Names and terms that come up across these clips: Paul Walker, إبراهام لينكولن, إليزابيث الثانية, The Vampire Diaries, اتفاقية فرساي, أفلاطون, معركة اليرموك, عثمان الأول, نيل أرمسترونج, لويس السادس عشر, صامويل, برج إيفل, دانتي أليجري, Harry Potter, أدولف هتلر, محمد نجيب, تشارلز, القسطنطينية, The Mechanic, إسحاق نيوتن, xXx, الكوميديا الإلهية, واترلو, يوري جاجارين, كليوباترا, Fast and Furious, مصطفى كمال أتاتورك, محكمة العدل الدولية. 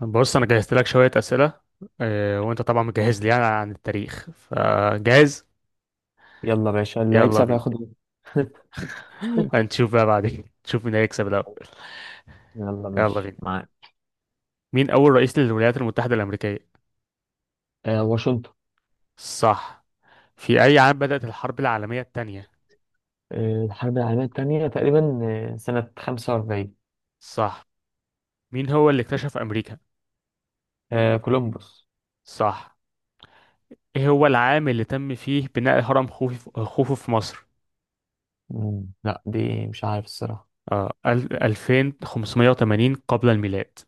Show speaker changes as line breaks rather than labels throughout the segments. بص انا جهزت لك شويه اسئله. وانت طبعا مجهز لي يعني عن التاريخ فجاهز.
يلا باشا اللي
يلا
هيكسب
بينا.
هياخد واحد.
هنشوف بقى بعدين نشوف مين هيكسب الاول.
يلا
يلا
ماشي
بينا.
معاك.
مين اول رئيس للولايات المتحده الامريكيه؟
واشنطن.
صح. في اي عام بدات الحرب العالميه الثانيه؟
الحرب العالمية التانية تقريبا. سنة 45.
صح. مين هو اللي اكتشف امريكا؟
كولومبوس.
صح. ايه هو العام اللي تم فيه بناء هرم خوفو في مصر؟
مم. لا، دي مش عارف الصراحة.
2580 قبل الميلاد.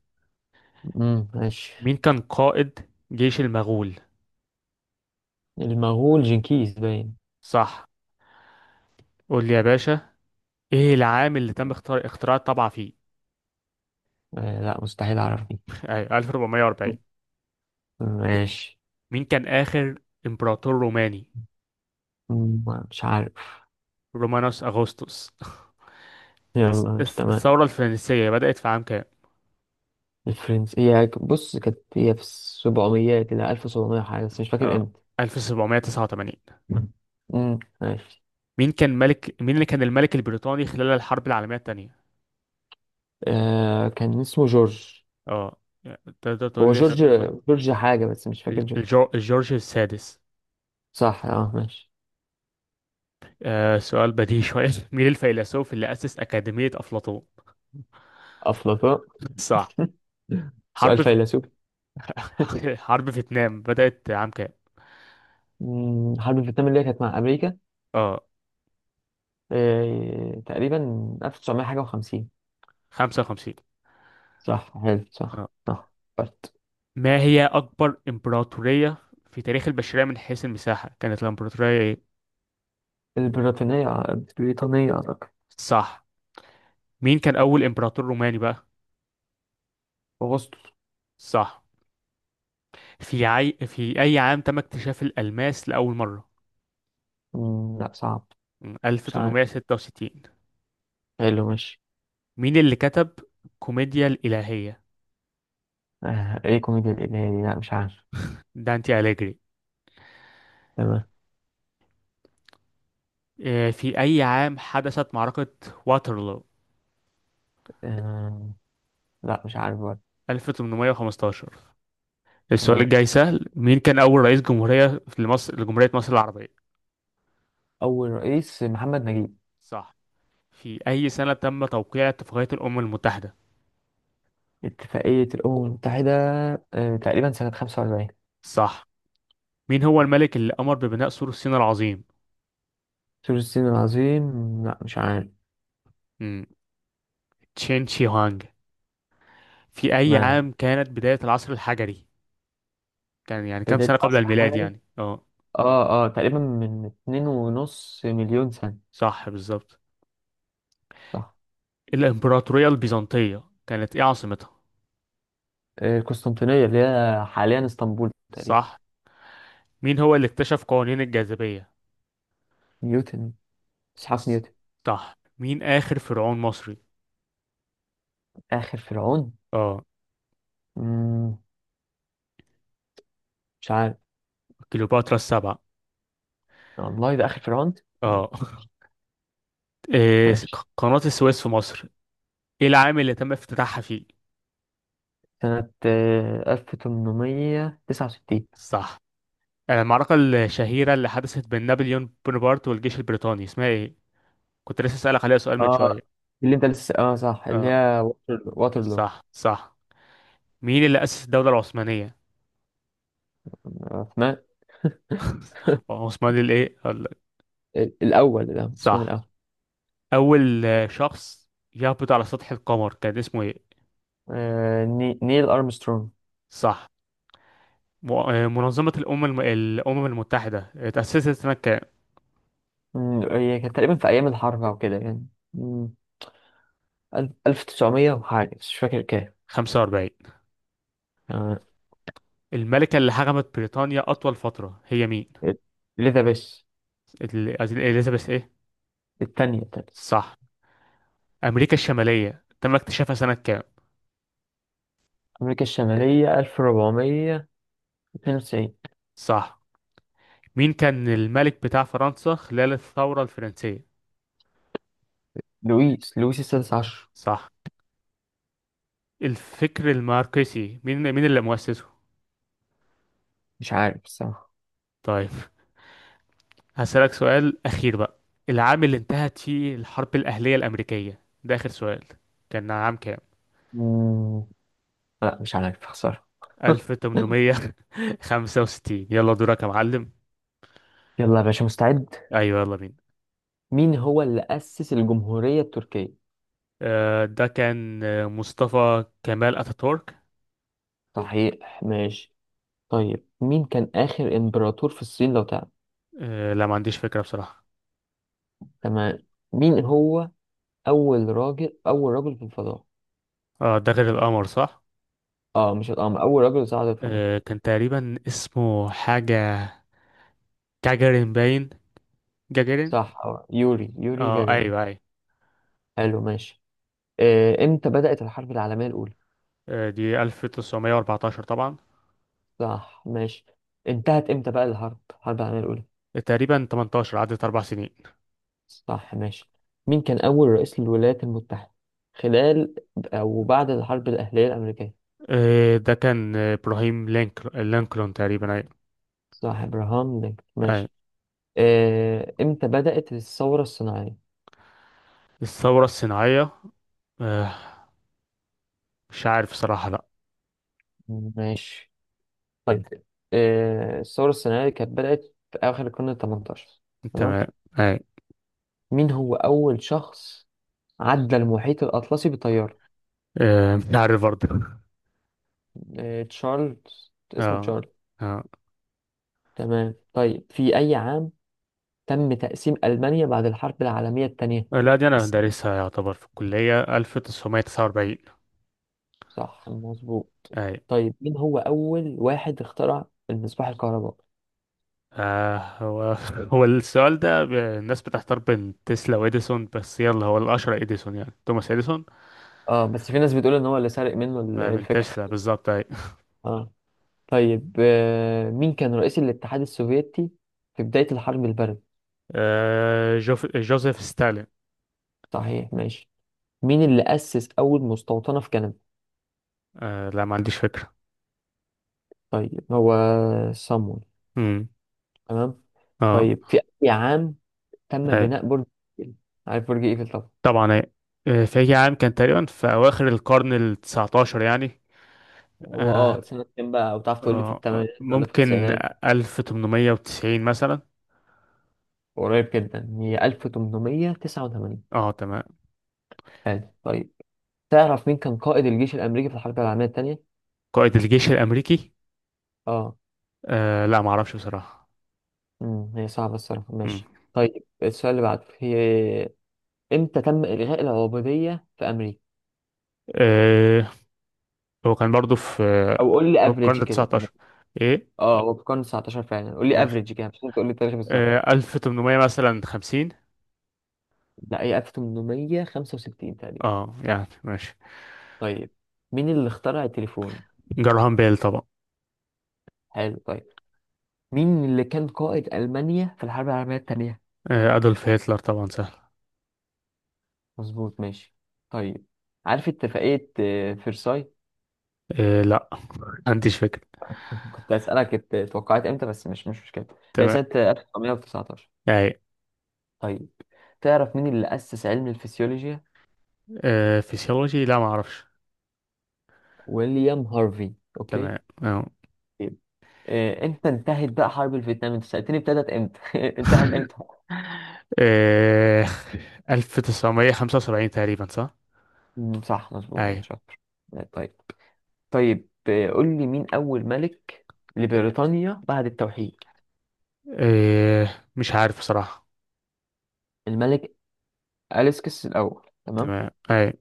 مم. ماشي.
مين كان قائد جيش المغول؟
المغول جنكيز باين.
صح. قول لي يا باشا، ايه العام اللي تم اختراع الطبعة فيه؟
لا، مستحيل أعرف دي.
ايوه، 1440.
ماشي.
مين كان آخر امبراطور روماني؟
مم، مش عارف.
رومانوس أغسطس.
يلا، مش تمام.
الثورة الفرنسية بدأت في عام كام؟
الفرنس هي بص كانت هي في السبعميات، إلى ألف وسبعمية حاجة، بس مش فاكر
اه،
امتى.
1789.
مم. مم، ماشي.
مين اللي كان الملك البريطاني خلال الحرب العالمية الثانية؟
كان اسمه جورج.
اه، تقدر تقول
هو مش
لي اسم؟
جورج، عارف والله جورج حاجة بس مش فاكر جورج.
الجورج السادس.
صح اه ماشي.
آه، سؤال بديهي شوية. مين الفيلسوف اللي أسس أكاديمية أفلاطون؟
أفلاطون.
صح.
سؤال
حرب في...
فيلسوفي.
حرب فيتنام بدأت عام كام؟
حرب الفيتنام اللي هي كانت مع أمريكا.
اه،
تقريبا 1900 حاجة و50.
55.
صح حلو
آه.
صح صح. بس.
ما هي أكبر إمبراطورية في تاريخ البشرية من حيث المساحة، كانت الإمبراطورية إيه؟
البريطانية البريطانية أعتقد.
صح. مين كان أول إمبراطور روماني بقى؟
أغسطس.
صح. في أي عام تم اكتشاف الألماس لأول مرة؟
مم، لا صعب. مش عارف.
1866.
حلو ماشي.
مين اللي كتب كوميديا الإلهية؟
إيه كوميديا الإلهي دي؟ لا مش عارف.
دانتي أليجري.
تمام.
آه، في أي عام حدثت معركة واترلو؟
آه، لا مش عارف برضه.
1815. السؤال
تمام.
الجاي سهل، مين كان أول رئيس جمهورية في مصر لجمهورية مصر العربية؟
أول رئيس محمد نجيب.
صح. في أي سنة تم توقيع اتفاقية الأمم المتحدة؟
اتفاقية الأمم المتحدة. تقريبا سنة 45.
صح. مين هو الملك اللي أمر ببناء سور الصين العظيم؟
سور الصين العظيم. لا مش عارف.
مم. تشين شي هوانج. في أي
ما...
عام كانت بداية العصر الحجري؟ كان يعني كام
بداية
سنة قبل
أصل
الميلاد
حاجة دي.
يعني؟ اه،
اه اه، تقريبا من اتنين ونص مليون سنة.
صح بالظبط.
صح.
الإمبراطورية البيزنطية كانت إيه عاصمتها؟
القسطنطينية اللي هي حاليا اسطنبول تقريبا.
صح. مين هو اللي اكتشف قوانين الجاذبية؟
نيوتن. اسحاق
ص-
نيوتن.
صح. مين آخر فرعون مصري؟
آخر فرعون.
اه،
مم، مش عارف.
كليوباترا السبعة.
والله ده آخر فرعون.
اه. إيه،
ماشي.
قناة السويس في مصر، ايه العام اللي تم افتتاحها فيه؟
سنة 1869.
صح. آه، المعركة الشهيرة اللي حدثت بين نابليون بونابرت والجيش البريطاني اسمها ايه؟ كنت لسه اسألك عليها سؤال من
اه
شوية.
اللي انت لسه اه صح اللي
اه
هي واترلو.
صح صح. مين اللي أسس الدولة العثمانية؟
عثمان
عثماني الايه؟ أقول لك.
الأول. ده عثمان
صح.
الأول.
أول شخص يهبط على سطح القمر كان اسمه ايه؟
نيل أرمسترونج.
صح. منظمة الأمم المتحدة اتأسست سنة كام؟
هي كانت تقريبا في أيام الحرب أو كده يعني. مم، ألف تسعمية وحاجة بس مش فاكر كام.
45.
آه،
الملكة اللي حكمت بريطانيا أطول فترة هي مين؟
إليزابيث.
إليزابيث ايه؟
التانية التانية.
صح. أمريكا الشمالية تم اكتشافها سنة كام؟
أمريكا الشمالية 1492.
صح. مين كان الملك بتاع فرنسا خلال الثورة الفرنسية؟
لويس السادس عشر.
صح. الفكر الماركسي مين اللي مؤسسه؟
مش عارف الصراحة.
طيب، هسألك سؤال أخير بقى، العام اللي انتهت فيه الحرب الأهلية الأمريكية، ده آخر سؤال، كان عام كام؟
مم، لا مش عارف، خسارة.
1865. يلا دورك يا معلم.
يلا يا باشا، مستعد.
أيوة يلا بينا.
مين هو اللي أسس الجمهورية التركية؟
آه، ده كان مصطفى كمال أتاتورك.
صحيح ماشي. طيب، مين كان آخر إمبراطور في الصين لو تعلم؟
آه، لا ما عنديش فكرة بصراحة.
تمام. مين هو أول رجل في الفضاء؟
اه ده غير القمر، صح؟
اه مش القمر، اول رجل صعد الفضاء.
آه، كان تقريبا اسمه حاجة كاجرين باين، جاجارين.
صح اه يوري
اه
جاجارين.
ايوه ايوه.
حلو ماشي. امتى بدأت الحرب العالمية الأولى؟
آه، دي 1914 طبعا.
صح ماشي. انتهت امتى بقى الحرب العالمية الأولى؟
تقريبا 18، عدت اربع سنين.
صح ماشي. مين كان أول رئيس للولايات المتحدة خلال أو بعد الحرب الأهلية الأمريكية؟
آه، ده كان ابراهيم لينكولن تقريبا، ايوه.
صح، إبراهام لينكولن،
ايوه.
ماشي. امتى بدأت الثورة الصناعية؟
الثوره الصناعيه، آه، مش عارف صراحه لا.
ماشي. طيب، الثورة الصناعية كانت بدأت في آخر القرن التمنتاشر. تمام.
تمام. ايوه.
مين هو أول شخص عدى المحيط الأطلسي بطيارة؟
مش عارف برضه.
تشارلز، اسمه
اه
تشارلز.
اه.
تمام. طيب، في أي عام تم تقسيم ألمانيا بعد الحرب العالمية الثانية؟
لا دي انا
بس.
دارسها يعتبر في الكليه، 1949.
صح مظبوط.
ايوه.
طيب، مين هو أول واحد اخترع المصباح الكهربائي؟
آه هو هو السؤال ده الناس بتحتار بين تسلا وإديسون، بس يلا هو الأشهر إديسون، يعني توماس إديسون.
اه، بس في ناس بتقول ان هو اللي سرق منه
ما من
الفكرة.
تسلا بالظبط، اي.
اه. طيب مين كان رئيس الاتحاد السوفيتي في بداية الحرب الباردة؟
آه جوزيف ستالين.
صحيح ماشي. مين اللي أسس أول مستوطنة في كندا؟
آه لا ما عنديش فكرة.
طيب هو صامويل.
امم.
تمام.
اه.
طيب، في أي عام تم
اي.
بناء برج إيفل؟ عارف برج إيفل طبعا.
طبعا اي. آه، في أي عام؟ كان تقريبا في أواخر القرن التسعتاشر يعني.
هو
آه
سنة كام بقى، أو تعرف تقول لي في
آه،
الثمانينات ولا في
ممكن
التسعينات؟
1890 مثلا.
قريب جدا، هي 1889.
اه تمام.
حلو طيب. تعرف مين كان قائد الجيش الأمريكي في الحرب العالمية الثانية؟
قائد الجيش الأمريكي،
اه،
آه لا ما اعرفش بصراحة.
هي صعبة الصراحة،
مم.
ماشي. طيب، السؤال اللي بعده هي، امتى تم إلغاء العبودية في أمريكا؟
آه هو كان برضو في
أو قول
في
لي افريج
القرن
كده يعني.
التسعتاشر، ايه.
اه هو في القرن 19 فعلا، قول لي
ماشي،
افريج كده، مش لازم تقول لي التاريخ بالظبط.
آه، 1800 مثلا 50.
لا، هي 1865 تقريبا.
اه يعني ماشي.
طيب، مين اللي اخترع التليفون؟
جراهام بيل طبعا.
حلو طيب. مين اللي كان قائد ألمانيا في الحرب العالمية التانية؟
آه، أدولف هتلر طبعا، سهل.
مظبوط ماشي. طيب، عارف اتفاقية فرساي؟
آه، لا ما عنديش فكرة.
كنت أسألك توقعت امتى، بس مش مشكلة. هي
تمام
سنة 1919.
أي.
طيب، تعرف مين اللي أسس علم الفسيولوجيا؟
آه، فيسيولوجي، لا ما أعرفش.
ويليام هارفي. أوكي.
تمام. أه.
طيب. امتى انتهت بقى حرب الفيتنام؟ انت سألتني ابتدت امتى، انتهت امتى؟
آه، 1975 تقريبا، صح؟
مم، صح مظبوط،
أي.
شاطر. طيب. طيب قول لي مين أول ملك لبريطانيا بعد التوحيد؟
آه، مش عارف بصراحة.
الملك أليسكس الأول. تمام.
تمام أي.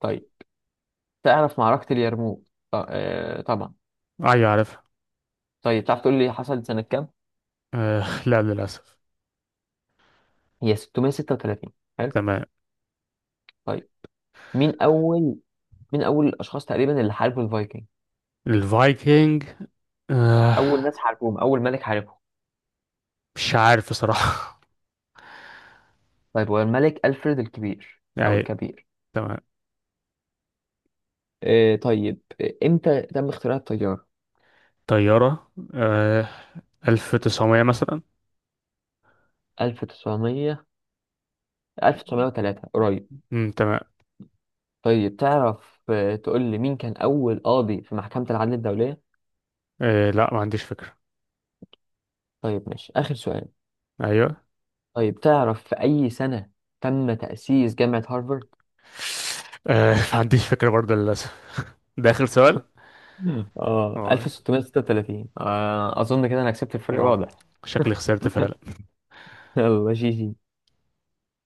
طيب، تعرف معركة اليرموك؟ طبعا.
أيوة عارف.
طيب، تعرف تقول لي حصلت سنة كام؟
آه، لا للأسف.
هي 636. حلو
تمام.
طيب. مين أول مين أول الأشخاص تقريبا اللي حاربوا الفايكنج؟
الفايكنج، آه،
أول ناس حاربوهم، أول ملك حاربهم.
مش عارف بصراحة.
طيب هو الملك ألفريد الكبير. أو
أي.
الكبير.
تمام.
طيب، إمتى تم اختراع الطيارة؟
طيارة، آه، 1900 مثلا.
1900. 1903 قريب.
مم، تمام.
طيب، تعرف تقول لي مين كان أول قاضي في محكمة العدل الدولية؟
آه، لا ما عنديش فكرة.
طيب ماشي، آخر سؤال.
ايوه.
طيب، تعرف في أي سنة تم تأسيس جامعة هارفارد؟
آه ما عنديش فكرة برضه للأسف، ده آخر سؤال.
اه
اه.
1636. أظن كده أنا كسبت، الفرق
آه.
واضح.
شكلي خسرت فعلا.
يلا جي جي.